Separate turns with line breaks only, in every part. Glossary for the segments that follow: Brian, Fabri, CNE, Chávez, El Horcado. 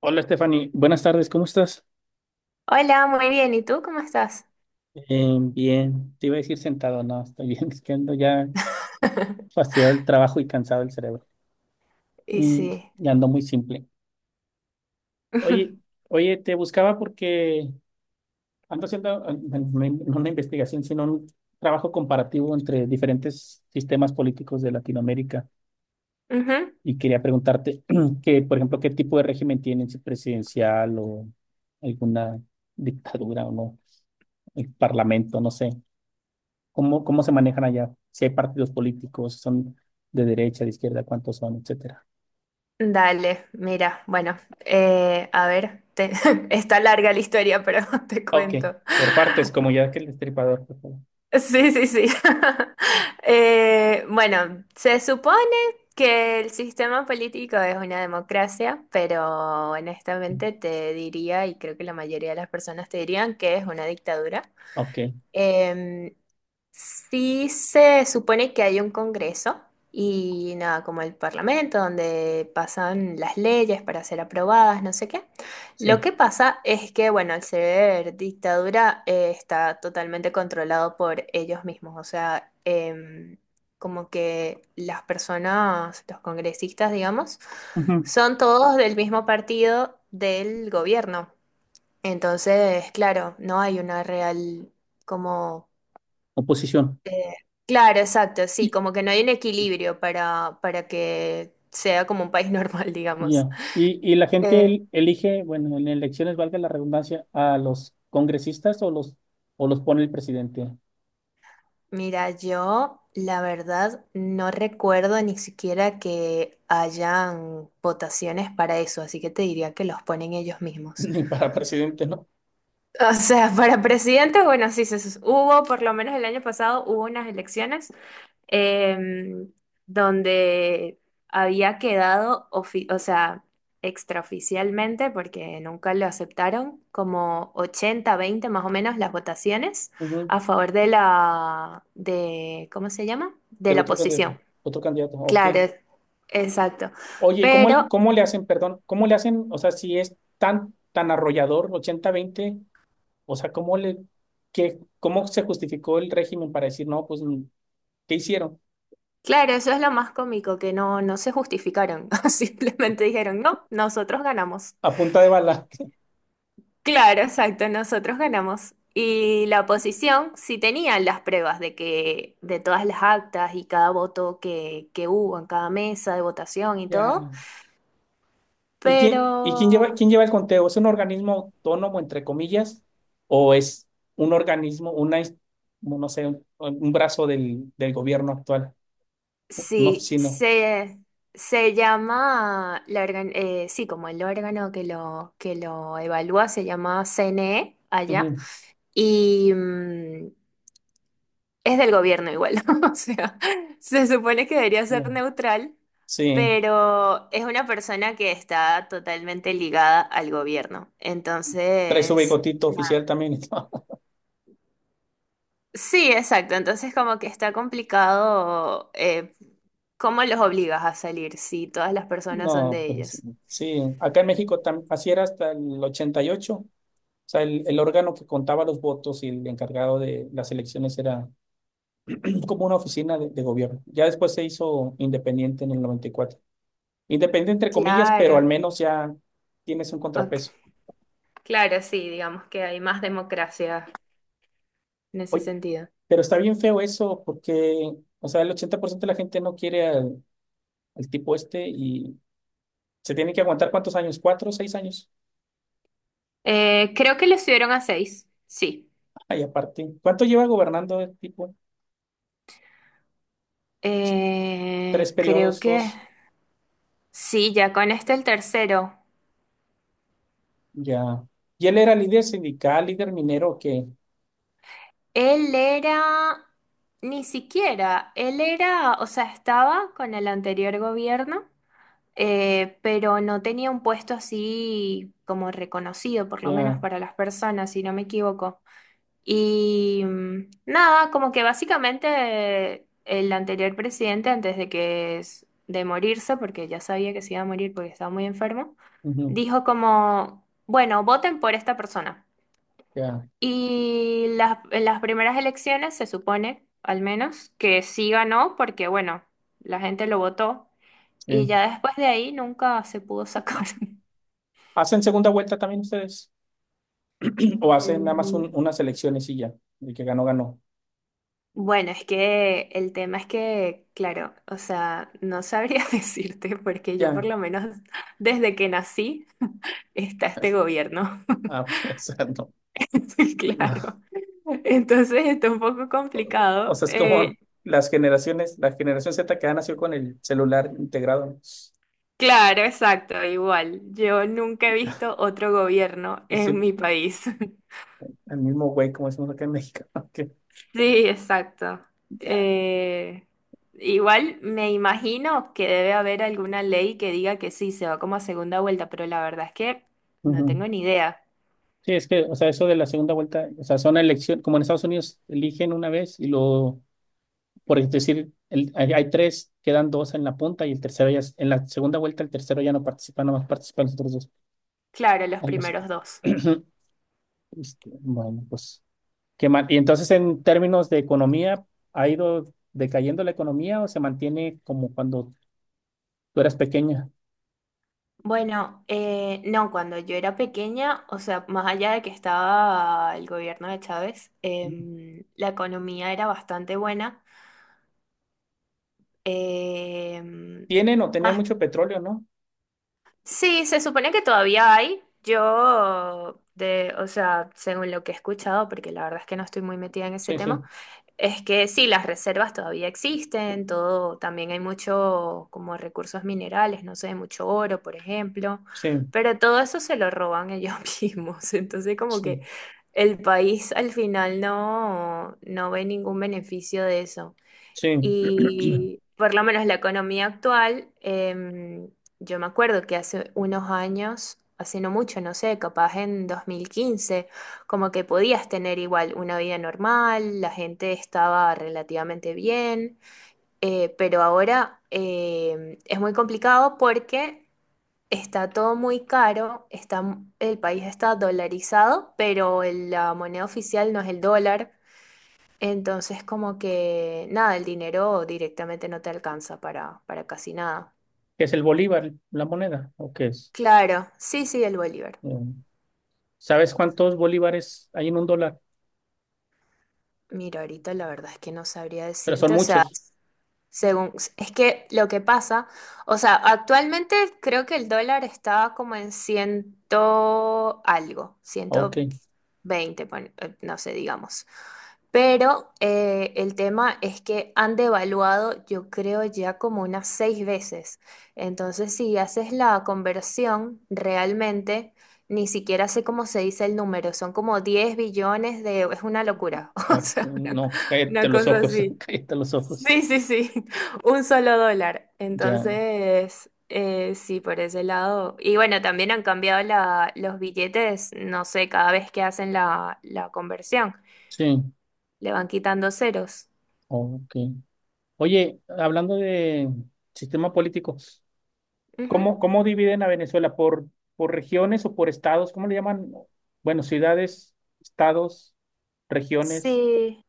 Hola Stephanie, buenas tardes, ¿cómo estás?
Hola, muy bien. ¿Y tú cómo estás?
Bien, te iba a decir sentado, no, estoy bien, es que ando ya fastidiado del trabajo y cansado del cerebro.
Y
Mm,
sí.
y ando muy simple. Oye, oye, te buscaba porque ando haciendo no una investigación, sino un trabajo comparativo entre diferentes sistemas políticos de Latinoamérica
Ujú.
y quería preguntarte que, por ejemplo, qué tipo de régimen tienen, si presidencial o alguna dictadura o no, el parlamento, no sé. ¿Cómo se manejan allá? Si hay partidos políticos, si son de derecha, de izquierda, cuántos son, etcétera.
Dale, mira, bueno, a ver, te- está larga la historia, pero te
Ok,
cuento.
por partes, como ya que el destripador. Por favor.
Sí, sí, sí. Bueno, se supone que el sistema político es una democracia, pero honestamente te diría, y creo que la mayoría de las personas te dirían que es una dictadura.
Ok,
Em, Sí, se supone que hay un congreso y nada, como el parlamento, donde pasan las leyes para ser aprobadas, no sé qué. Lo
sí.
que pasa es que, bueno, al ser dictadura, está totalmente controlado por ellos mismos. O sea, como que las personas, los congresistas, digamos,
Ujú.
son todos del mismo partido del gobierno. Entonces, claro, no hay una real como
Oposición.
eh, claro, exacto,
Y,
sí, como que no hay un equilibrio para que sea como un país normal, digamos.
ya. Y la gente
Eh,
elige, bueno, en elecciones, valga la redundancia, a los congresistas o los pone el presidente.
Mira, yo la verdad no recuerdo ni siquiera que hayan votaciones para eso, así que te diría que los ponen ellos mismos.
Ni para presidente, ¿no?
O sea, para presidente, bueno, sí, se, sus- hubo, por lo menos el año pasado hubo unas elecciones em, donde había quedado, ofi- o sea, extraoficialmente, porque nunca lo aceptaron, como ochenta veinte más o menos las votaciones
Ujú.
a favor de la, de, ¿cómo se llama? De
Del
la
otro candidato.
oposición.
Otro candidato, ok.
Claro, es- exacto.
Oye, ¿y
Pero,
cómo, cómo le hacen, perdón, cómo le hacen, o sea, si es tan, tan arrollador, 80-20. O sea, ¿cómo le, qué, cómo se justificó el régimen para decir, no, pues, ¿qué hicieron?
claro, eso es lo más cómico, que no, no se justificaron, simplemente dijeron, no, nosotros ganamos.
A punta de bala.
Claro, exacto, nosotros ganamos. Y la oposición sí tenía las pruebas de que de todas las actas y cada voto que hubo en cada mesa de votación y todo,
Ya. ¿Y
pero
quién lleva el conteo? ¿Es un organismo autónomo, entre comillas, o es un organismo, una, ins- no sé, un brazo del gobierno actual, una
sí,
oficina?
se llama, la organ- sí, como el órgano que lo evalúa se llama CNE allá,
Ujú,
y, mm, es del gobierno igual, o sea, se supone que debería ser
ya.
neutral,
Sí,
pero es una persona que está totalmente ligada al gobierno.
trae su
Entonces,
bigotito
nada.
oficial también.
Sí, exacto. Entonces como que está complicado cómo los obligas a salir si todas las personas son
No,
de
pues
ellos.
sí. Acá, en México tam- así era hasta el 88. Sea, el órgano que contaba los votos y el encargado de las elecciones era como una oficina de gobierno. Ya después se hizo independiente en el 94. Independiente entre comillas, pero
Claro,
al menos ya tienes un
ok.
contrapeso.
Claro, sí, digamos que hay más democracia en ese
Oye,
sentido.
pero está bien feo eso porque, o sea, el 80% de la gente no quiere al tipo este y se tiene que aguantar cuántos años, 4, 6 años.
Creo que le subieron a seis, sí.
Ay, aparte, ¿cuánto lleva gobernando el tipo? Tres
Creo
periodos,
que
dos,
sí, ya con este el tercero.
ya. Y él era líder sindical, líder minero, que
Él era, ni siquiera, él era, o sea, estaba con el anterior gobierno, pero no tenía un puesto así como reconocido, por lo menos
ya.
para las personas, si no me equivoco. Y mm, nada, como que básicamente el anterior presidente, antes de que s- de morirse, porque ya sabía que se iba a morir porque estaba muy enfermo,
Ujú.
dijo como, bueno, voten por esta persona.
Ya,
Y las, en las primeras elecciones se supone, al menos, que sí ganó porque, bueno, la gente lo votó
sí.
y ya después de ahí nunca se pudo sacar.
¿Hacen segunda vuelta también ustedes? ¿O hacen nada más un-
Mm,
unas elecciones y ya? El que ganó, ganó.
bueno, es que el tema es que, claro, o sea, no sabría decirte porque yo por
Ya.
lo menos desde que nací está este
Es-
gobierno,
Ah, ok, o sea, no. No.
claro. Entonces está un poco
O
complicado.
sea, es como las generaciones, la generación Z que ha nacido con el celular integrado, ¿no?
Claro, exacto, igual. Yo nunca he visto otro gobierno
Y
en
siempre
mi país.
el mismo güey, como decimos acá en México. Ok,
Sí, exacto.
ya.
Eh, Igual me imagino que debe haber alguna ley que diga que sí, se va como a segunda vuelta, pero la verdad es que no tengo
Ujú.
ni idea.
Sí, es que, o sea, eso de la segunda vuelta, o sea, son elecciones, como en Estados Unidos eligen una vez y lo. Por decir, el- hay tres, quedan dos en la punta y el tercero ya, es- en la segunda vuelta el tercero ya no participa, nomás participan los otros dos.
Claro, los
Algo así.
primeros dos.
Este, bueno, pues qué mal. Y entonces en términos de economía, ¿ha ido decayendo la economía o se mantiene como cuando tú eras pequeña?
Bueno, no, cuando yo era pequeña, o sea, más allá de que estaba el gobierno de Chávez, em, la economía era bastante buena. Em,
Tienen o tenían
más
mucho petróleo, ¿no?
sí, se supone que todavía hay. Yo, de, o sea, según lo que he escuchado, porque la verdad es que no estoy muy metida en ese
Sí,
tema,
sí,
es que sí, las reservas todavía existen, todo, también hay mucho como recursos minerales, no sé, mucho oro, por ejemplo,
sí,
pero todo eso se lo roban ellos mismos. Entonces, como que
sí,
el país al final no, no ve ningún beneficio de eso.
sí.
Y por lo menos la economía actual, yo me acuerdo que hace unos años, hace no mucho, no sé, capaz en 2015 como que podías tener igual una vida normal, la gente estaba relativamente bien, pero ahora es muy complicado porque está todo muy caro, está, el país está dolarizado, pero el- la moneda oficial no es el dólar. Entonces, como que nada, el dinero directamente no te alcanza para casi nada.
¿Qué es el bolívar, la moneda? ¿O qué es?
Claro, sí, sí, el Bolívar.
Mm. ¿Sabes cuántos bolívares hay en un dólar?
Mira, ahorita la verdad es que no sabría
Pero son
decirte, o sea,
muchos.
según, es que lo que pasa, o sea, actualmente creo que el dólar estaba como en ciento algo,
Ok.
120, pon- no sé, digamos. Pero el tema es que han devaluado, yo creo, ya como unas seis veces. Entonces, si haces la conversión, realmente ni siquiera sé cómo se dice el número, son como 10 billones de... es una locura, o
No,
sea,
no, cállate
una
los
cosa
ojos,
así.
cállate los ojos.
Sí, sí, sí, un solo dólar.
Ya,
Entonces, sí, por ese lado. Y bueno, también han cambiado la- los billetes, no sé, cada vez que hacen la, la conversión,
sí,
le van quitando ceros.
ok. Oye, hablando de sistema político,
Ujú.
¿cómo, cómo dividen a Venezuela? Por regiones o por estados? ¿Cómo le llaman? Bueno, ciudades, estados, regiones.
Sí,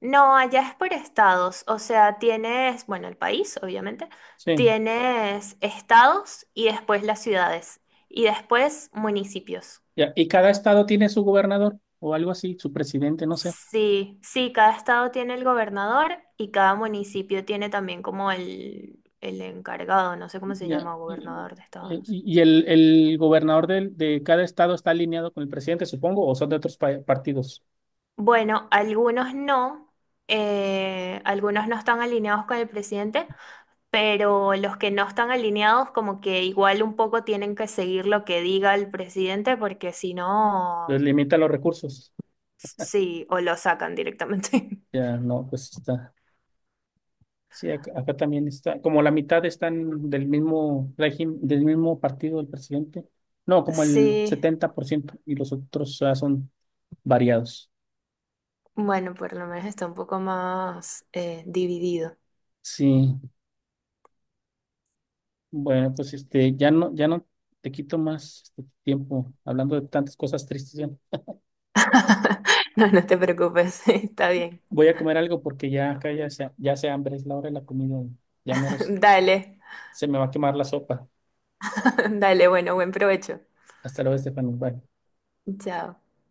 no, allá es por estados, o sea, tienes, bueno, el país, obviamente,
Sí,
tienes estados y después las ciudades y después municipios.
ya. ¿Y cada estado tiene su gobernador o algo así, su presidente, no sé?
Sí, sí, cada estado tiene el gobernador y cada municipio tiene también como el encargado, no sé cómo se
Ya.
llama,
¿Y,
gobernador de estado,
y-
no sé.
y el, gobernador del- de, cada estado está alineado con el presidente, supongo, o son de otros pa- partidos?
Bueno, algunos no están alineados con el presidente, pero los que no están alineados como que igual un poco tienen que seguir lo que diga el presidente porque si
Les
no,
limitan los recursos.
sí, o lo sacan directamente.
Ya, no, pues está. Sí, acá también está. Como la mitad están del mismo régimen, del mismo partido del presidente. No, como el
Sí,
70% y los otros ya son variados.
bueno, por lo menos está un poco más dividido.
Sí, bueno, pues este, ya no te quito más este, tiempo hablando de tantas cosas tristes. Ya.
No, no te preocupes, está bien.
Voy a comer algo porque ya acá ya se hambre, es la hora de la comida. Ya menos
Dale,
se me va a quemar la sopa.
dale, bueno, buen provecho.
Hasta luego, Estefano. Bye.
Chao.